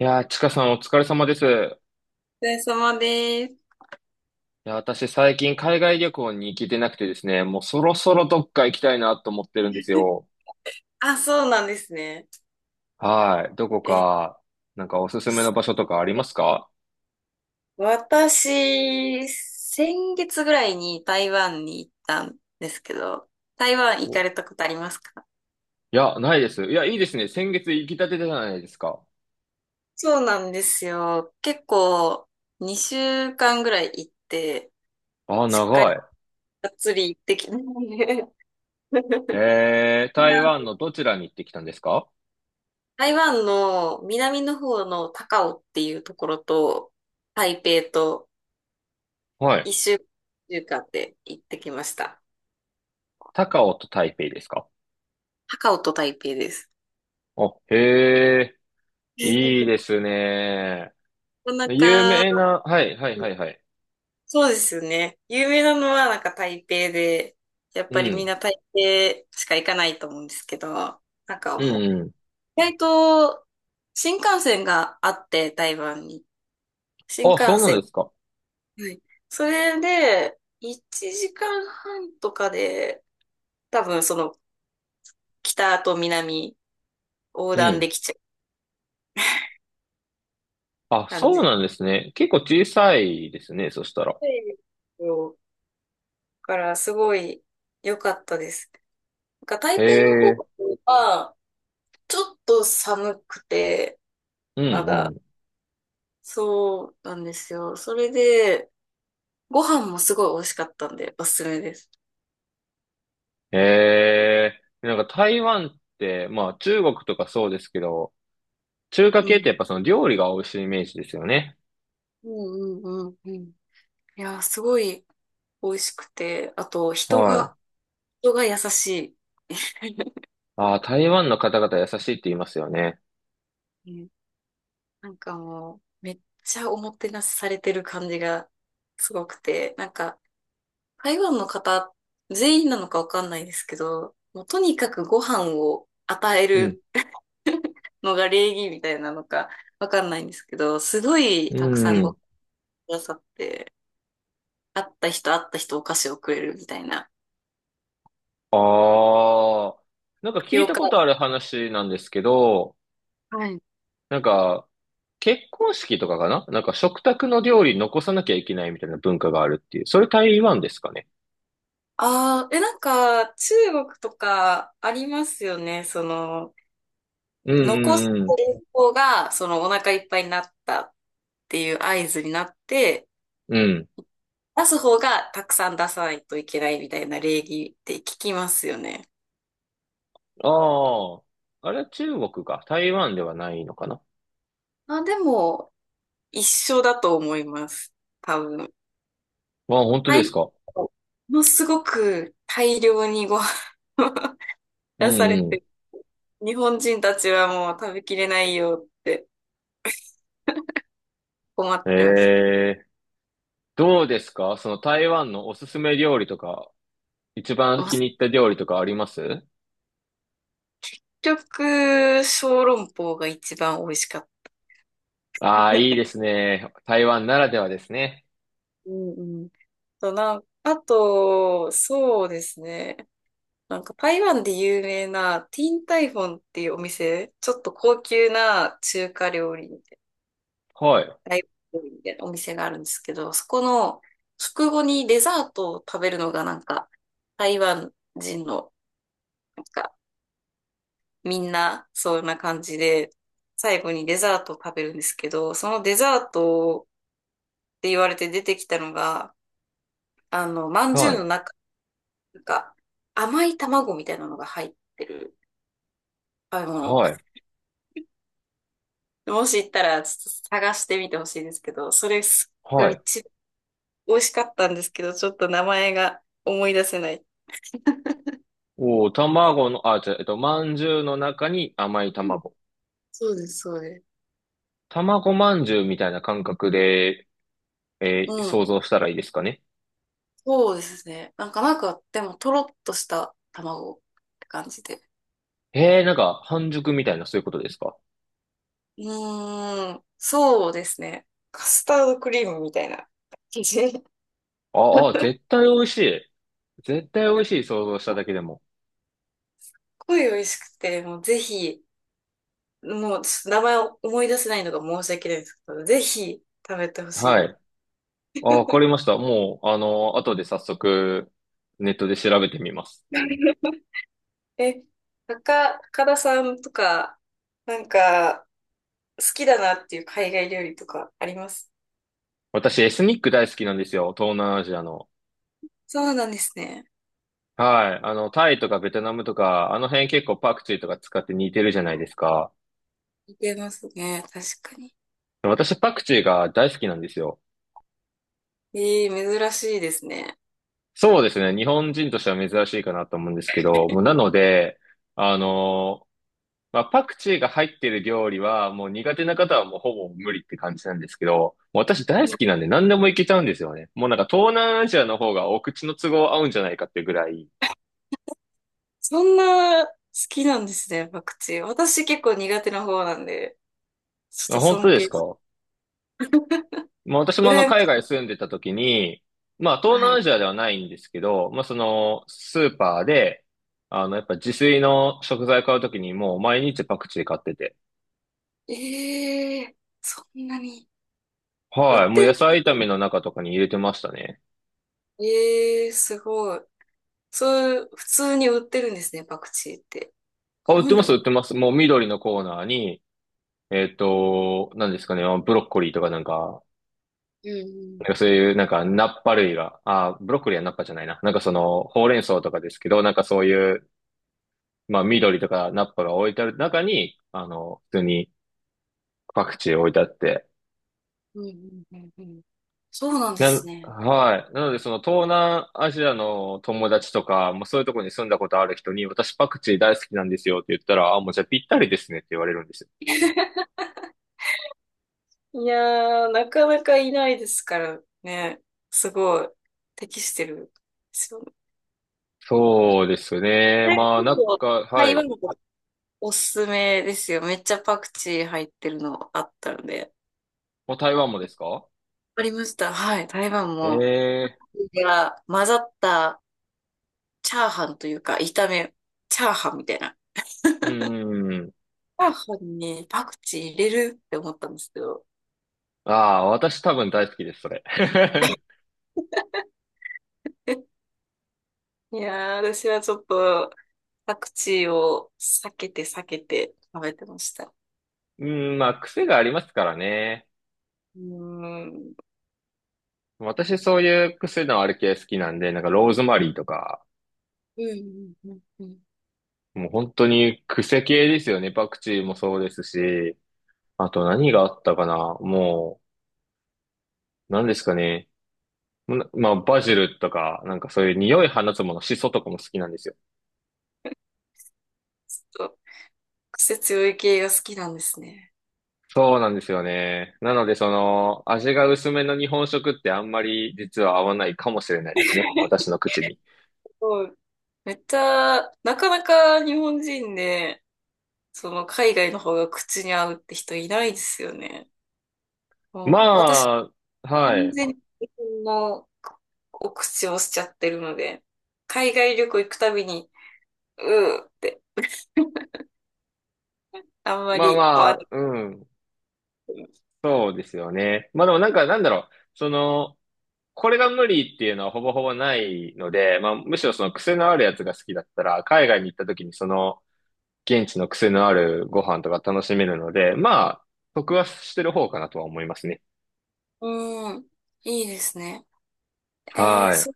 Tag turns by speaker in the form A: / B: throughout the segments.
A: いやー、ちかさんお疲れ様です。い
B: お疲れ様です。
A: や、私最近海外旅行に行けてなくてですね、もうそろそろどっか行きたいなと思ってるんですよ。
B: あ、そうなんですね。
A: はい。どこ
B: え、
A: か、なんかおすすめの場所とかありますか？
B: 私、先月ぐらいに台湾に行ったんですけど、台湾
A: お
B: 行
A: い
B: かれたことありますか？
A: や、ないです。いや、いいですね。先月行きたてじゃないですか。
B: そうなんですよ。結構、2週間ぐらい行って、
A: あー、
B: しっかり
A: 長い。
B: がっつり行ってきたしで。 ま
A: 台
B: あ、
A: 湾のどちらに行ってきたんですか？
B: 台湾の南の方の高雄っていうところと、台北と
A: はい。
B: 1週間で行ってきました。
A: 高雄と台北ですか？
B: 高オと台北です。
A: お、へえ。いい ですね。
B: なかな
A: 有名
B: か、
A: な、はい、はい、はい、はい。
B: そうですよね。有名なのはなんか台北で、やっ
A: う
B: ぱりみん
A: ん、
B: な台北しか行かないと思うんですけど、なんか
A: う
B: も
A: ん、うん。
B: う、意外と新幹線があって、台湾に。新
A: あ、そ
B: 幹
A: うなん
B: 線。
A: ですか。
B: はい。それで、1時間半とかで、多分その北と南横
A: う
B: 断
A: ん。
B: できちゃう
A: あ、
B: 感
A: そう
B: じ
A: なんですね。結構小さいですね、そしたら。
B: で、だからすごい良かったです。なんか
A: へ
B: 台北の方
A: え、
B: は、ちょっと寒くて、
A: う
B: ま
A: んう
B: だ、
A: ん。
B: そうなんですよ。それで、ご飯もすごい美味しかったんで、おすすめです。
A: へえ、なんか台湾って、まあ中国とかそうですけど、中華
B: う
A: 系っ
B: ん。
A: てやっぱその料理が美味しいイメージですよね。
B: うんうんうんうん。いや、すごい美味しくて、あと、
A: はい。
B: 人が優しい。
A: ああ、台湾の方々優しいって言いますよね。
B: うん、なんかもう、めっちゃおもてなしされてる感じがすごくて、なんか、台湾の方、全員なのかわかんないですけど、もうとにかくご飯を与え
A: うん。
B: るのが礼儀みたいなのかわかんないんですけど、すごいたくさ
A: う
B: んご
A: ん。
B: くださって、会った人会った人お菓子をくれるみたいな。
A: ああ、なんか
B: タ
A: 聞
B: ピ
A: い
B: オ
A: た
B: カ。
A: ことある話なんですけど、
B: はい。
A: なんか結婚式とかかななんか食卓の料理残さなきゃいけないみたいな文化があるっていう。それ台湾ですかね？
B: ああ、なんか中国とかありますよね。その、
A: うん
B: 残す
A: うんうん。
B: 方がそのお腹いっぱいになったっていう合図になって、
A: うん。
B: 出す方がたくさん出さないといけないみたいな礼儀って聞きますよね。
A: ああ。あれは中国か。台湾ではないのかな。あ、
B: あ、でも、一緒だと思います。多分。
A: 本当
B: は
A: で
B: い。
A: すか？
B: ものすごく大量にご飯を
A: う
B: 出され
A: ん
B: て、日本人たちはもう食べきれないよって困っ
A: うん。え
B: てました。
A: え。どうですかその台湾のおすすめ料理とか、一番
B: お
A: 気に入った料理とかあります？
B: 食小籠包が一番美味しかった。
A: ああー、いい ですね。台湾ならではですね。
B: うんうん。と、なん、あと、そうですね。なんか台湾で有名なティンタイフォンっていうお店、ちょっと高級な中華料理
A: はい。
B: ライブみたいなお店があるんですけど、そこの食後にデザートを食べるのがなんか、台湾人の、なんか、みんな、そんな感じで、最後にデザートを食べるんですけど、そのデザートって言われて出てきたのが、まんじゅ
A: は
B: う
A: い。
B: の中、なんか、甘い卵みたいなのが入ってる食べ物。
A: はい。
B: もし行ったら、ちょっと探してみてほしいんですけど、それが
A: はい。
B: 一番美味しかったんですけど、ちょっと名前が思い出せない。
A: おー、卵の、あ、じゃあ、まんじゅうの中に甘い卵。
B: そうです、そうです。
A: 卵まんじゅうみたいな感覚で、
B: うん。
A: 想像したらいいですかね。
B: そうですね。なんか、でも、とろっとした卵って感じで。
A: ええ、なんか、半熟みたいな、そういうことですか？
B: うーん。そうですね。カスタードクリームみたいな感じ。すっ
A: ああ、絶対美味しい。絶対美味しい、想像しただけでも。
B: ごい美味しくて、もうぜひ、もうちょっと名前を思い出せないのが申し訳ないんですけど、ぜひ食べてほしい
A: は
B: です。
A: い。あ、わかりました。もう、後で早速、ネットで調べてみます。
B: え、高田さんとか、なんか、好きだなっていう海外料理とかあります
A: 私、エスニック大好きなんですよ。東南アジアの。
B: そうなんですね。
A: はい。タイとかベトナムとか、あの辺結構パクチーとか使って似てるじゃないですか。
B: 似てますね。確かに。
A: 私、パクチーが大好きなんですよ。
B: ええ、珍しいですね。
A: そうですね。日本人としては珍しいかなと思うんですけど、もうなので、あのまあ、パクチーが入ってる料理は、もう苦手な方はもうほぼ無理って感じなんですけど、もう私
B: う
A: 大好
B: ん、
A: きなんで何でもいけちゃうんですよね。もうなんか東南アジアの方がお口の都合合うんじゃないかってぐらい。
B: そんな好きなんですね、パクチー。私結構苦手な方なんで、ちょっ
A: あ、
B: と
A: 本当
B: 尊
A: です
B: 敬。
A: か？まあ私も
B: 羨ま
A: 海
B: しい。
A: 外住んでた時に、まあ東
B: は
A: 南
B: い。
A: アジアではないんですけど、まあそのスーパーで、やっぱ自炊の食材買う時にもう毎日パクチー買ってて。
B: ええ、そんなに。売っ
A: はい。もう
B: て
A: 野
B: る。
A: 菜炒めの中とかに入れてましたね。
B: ええ、すごい。そういう、普通に売ってるんですね、パクチーって。
A: あ、
B: 日
A: 売って
B: 本
A: ま
B: で
A: す、売っ
B: も。
A: てます。もう緑のコーナーに、何ですかね、あ、ブロッコリーとかなんか、
B: う
A: な
B: ん
A: んかそういうなんかナッパ類が、あ、ブロッコリーはナッパじゃないな。なんかその、ほうれん草とかですけど、なんかそういう、まあ緑とかナッパが置いてある中に、普通にパクチー置いてあって。
B: うん。うんうんうんうん。そうなんですね。
A: はい。なのでその東南アジアの友達とか、もうそういうところに住んだことある人に、私パクチー大好きなんですよって言ったら、あ、もうじゃあぴったりですねって言われるんですよ。
B: いやー、なかなかいないですからね。すごい、適してるんですよね。
A: そうですね。
B: これ結
A: まあなん
B: 構、
A: か、は
B: 台
A: い。
B: 湾のおすすめですよ。めっちゃパクチー入ってるのあったので。
A: もう台湾もですか？
B: ありました。はい。台湾も、
A: え、
B: いや、混ざったチャーハンというか、炒め、チャーハンみたいな。
A: うんうんうん。
B: チャーハンにパクチー入れるって思ったんですけど。
A: ああ、私多分大好きです、それ。
B: いやー、私はちょっと、パクチーを避けて避けて食べてました。
A: うん、まあ、癖がありますからね。
B: うーん。
A: 私そういう癖のある系好きなんで、なんかローズマリーとか、
B: うんうんうんうん。
A: もう本当に癖系ですよね。パクチーもそうですし、あと何があったかな。もう、何ですかね。まあ、バジルとか、なんかそういう匂い放つもの、シソとかも好きなんですよ。
B: ちょっと癖強い系が好きなんですね。
A: そうなんですよね。なので、その、味が薄めの日本食ってあんまり実は合わないかもしれないですね。私の口に。
B: そう。めっちゃ、なかなか日本人で、その海外の方が口に合うって人いないですよね。もう私、
A: まあ、は
B: 完
A: い。
B: 全に日本のお口をしちゃってるので、海外旅行行くたびに、うーって、あんま
A: まあ
B: り合
A: ま
B: わな
A: あ、
B: く
A: うん。
B: ても。
A: そうですよね。まあでもなんか、なんだろう。その、これが無理っていうのはほぼほぼないので、まあむしろその癖のあるやつが好きだったら、海外に行った時にその、現地の癖のあるご飯とか楽しめるので、まあ、得はしてる方かなとは思いますね。
B: うん、いいですね。
A: はい。
B: そっ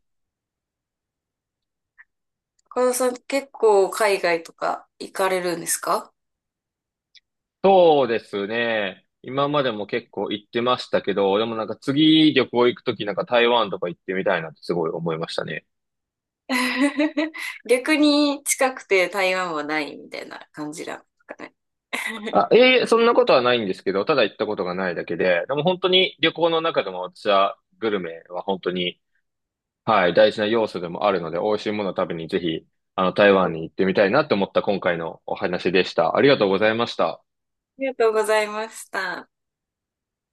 B: か、岡田さん結構海外とか行かれるんですか？
A: そうですね。今までも結構行ってましたけど、でもなんか次旅行行く時なんか台湾とか行ってみたいなってすごい思いましたね。
B: 逆に近くて台湾はないみたいな感じなんですかね。
A: あ、いえいえ、そんなことはないんですけど、ただ行ったことがないだけで、でも本当に旅行の中でも私はグルメは本当に、はい、大事な要素でもあるので、美味しいものを食べにぜひ、台
B: あ
A: 湾に行ってみたいなと思った今回のお話でした。ありがとうございました。
B: りがとうございました。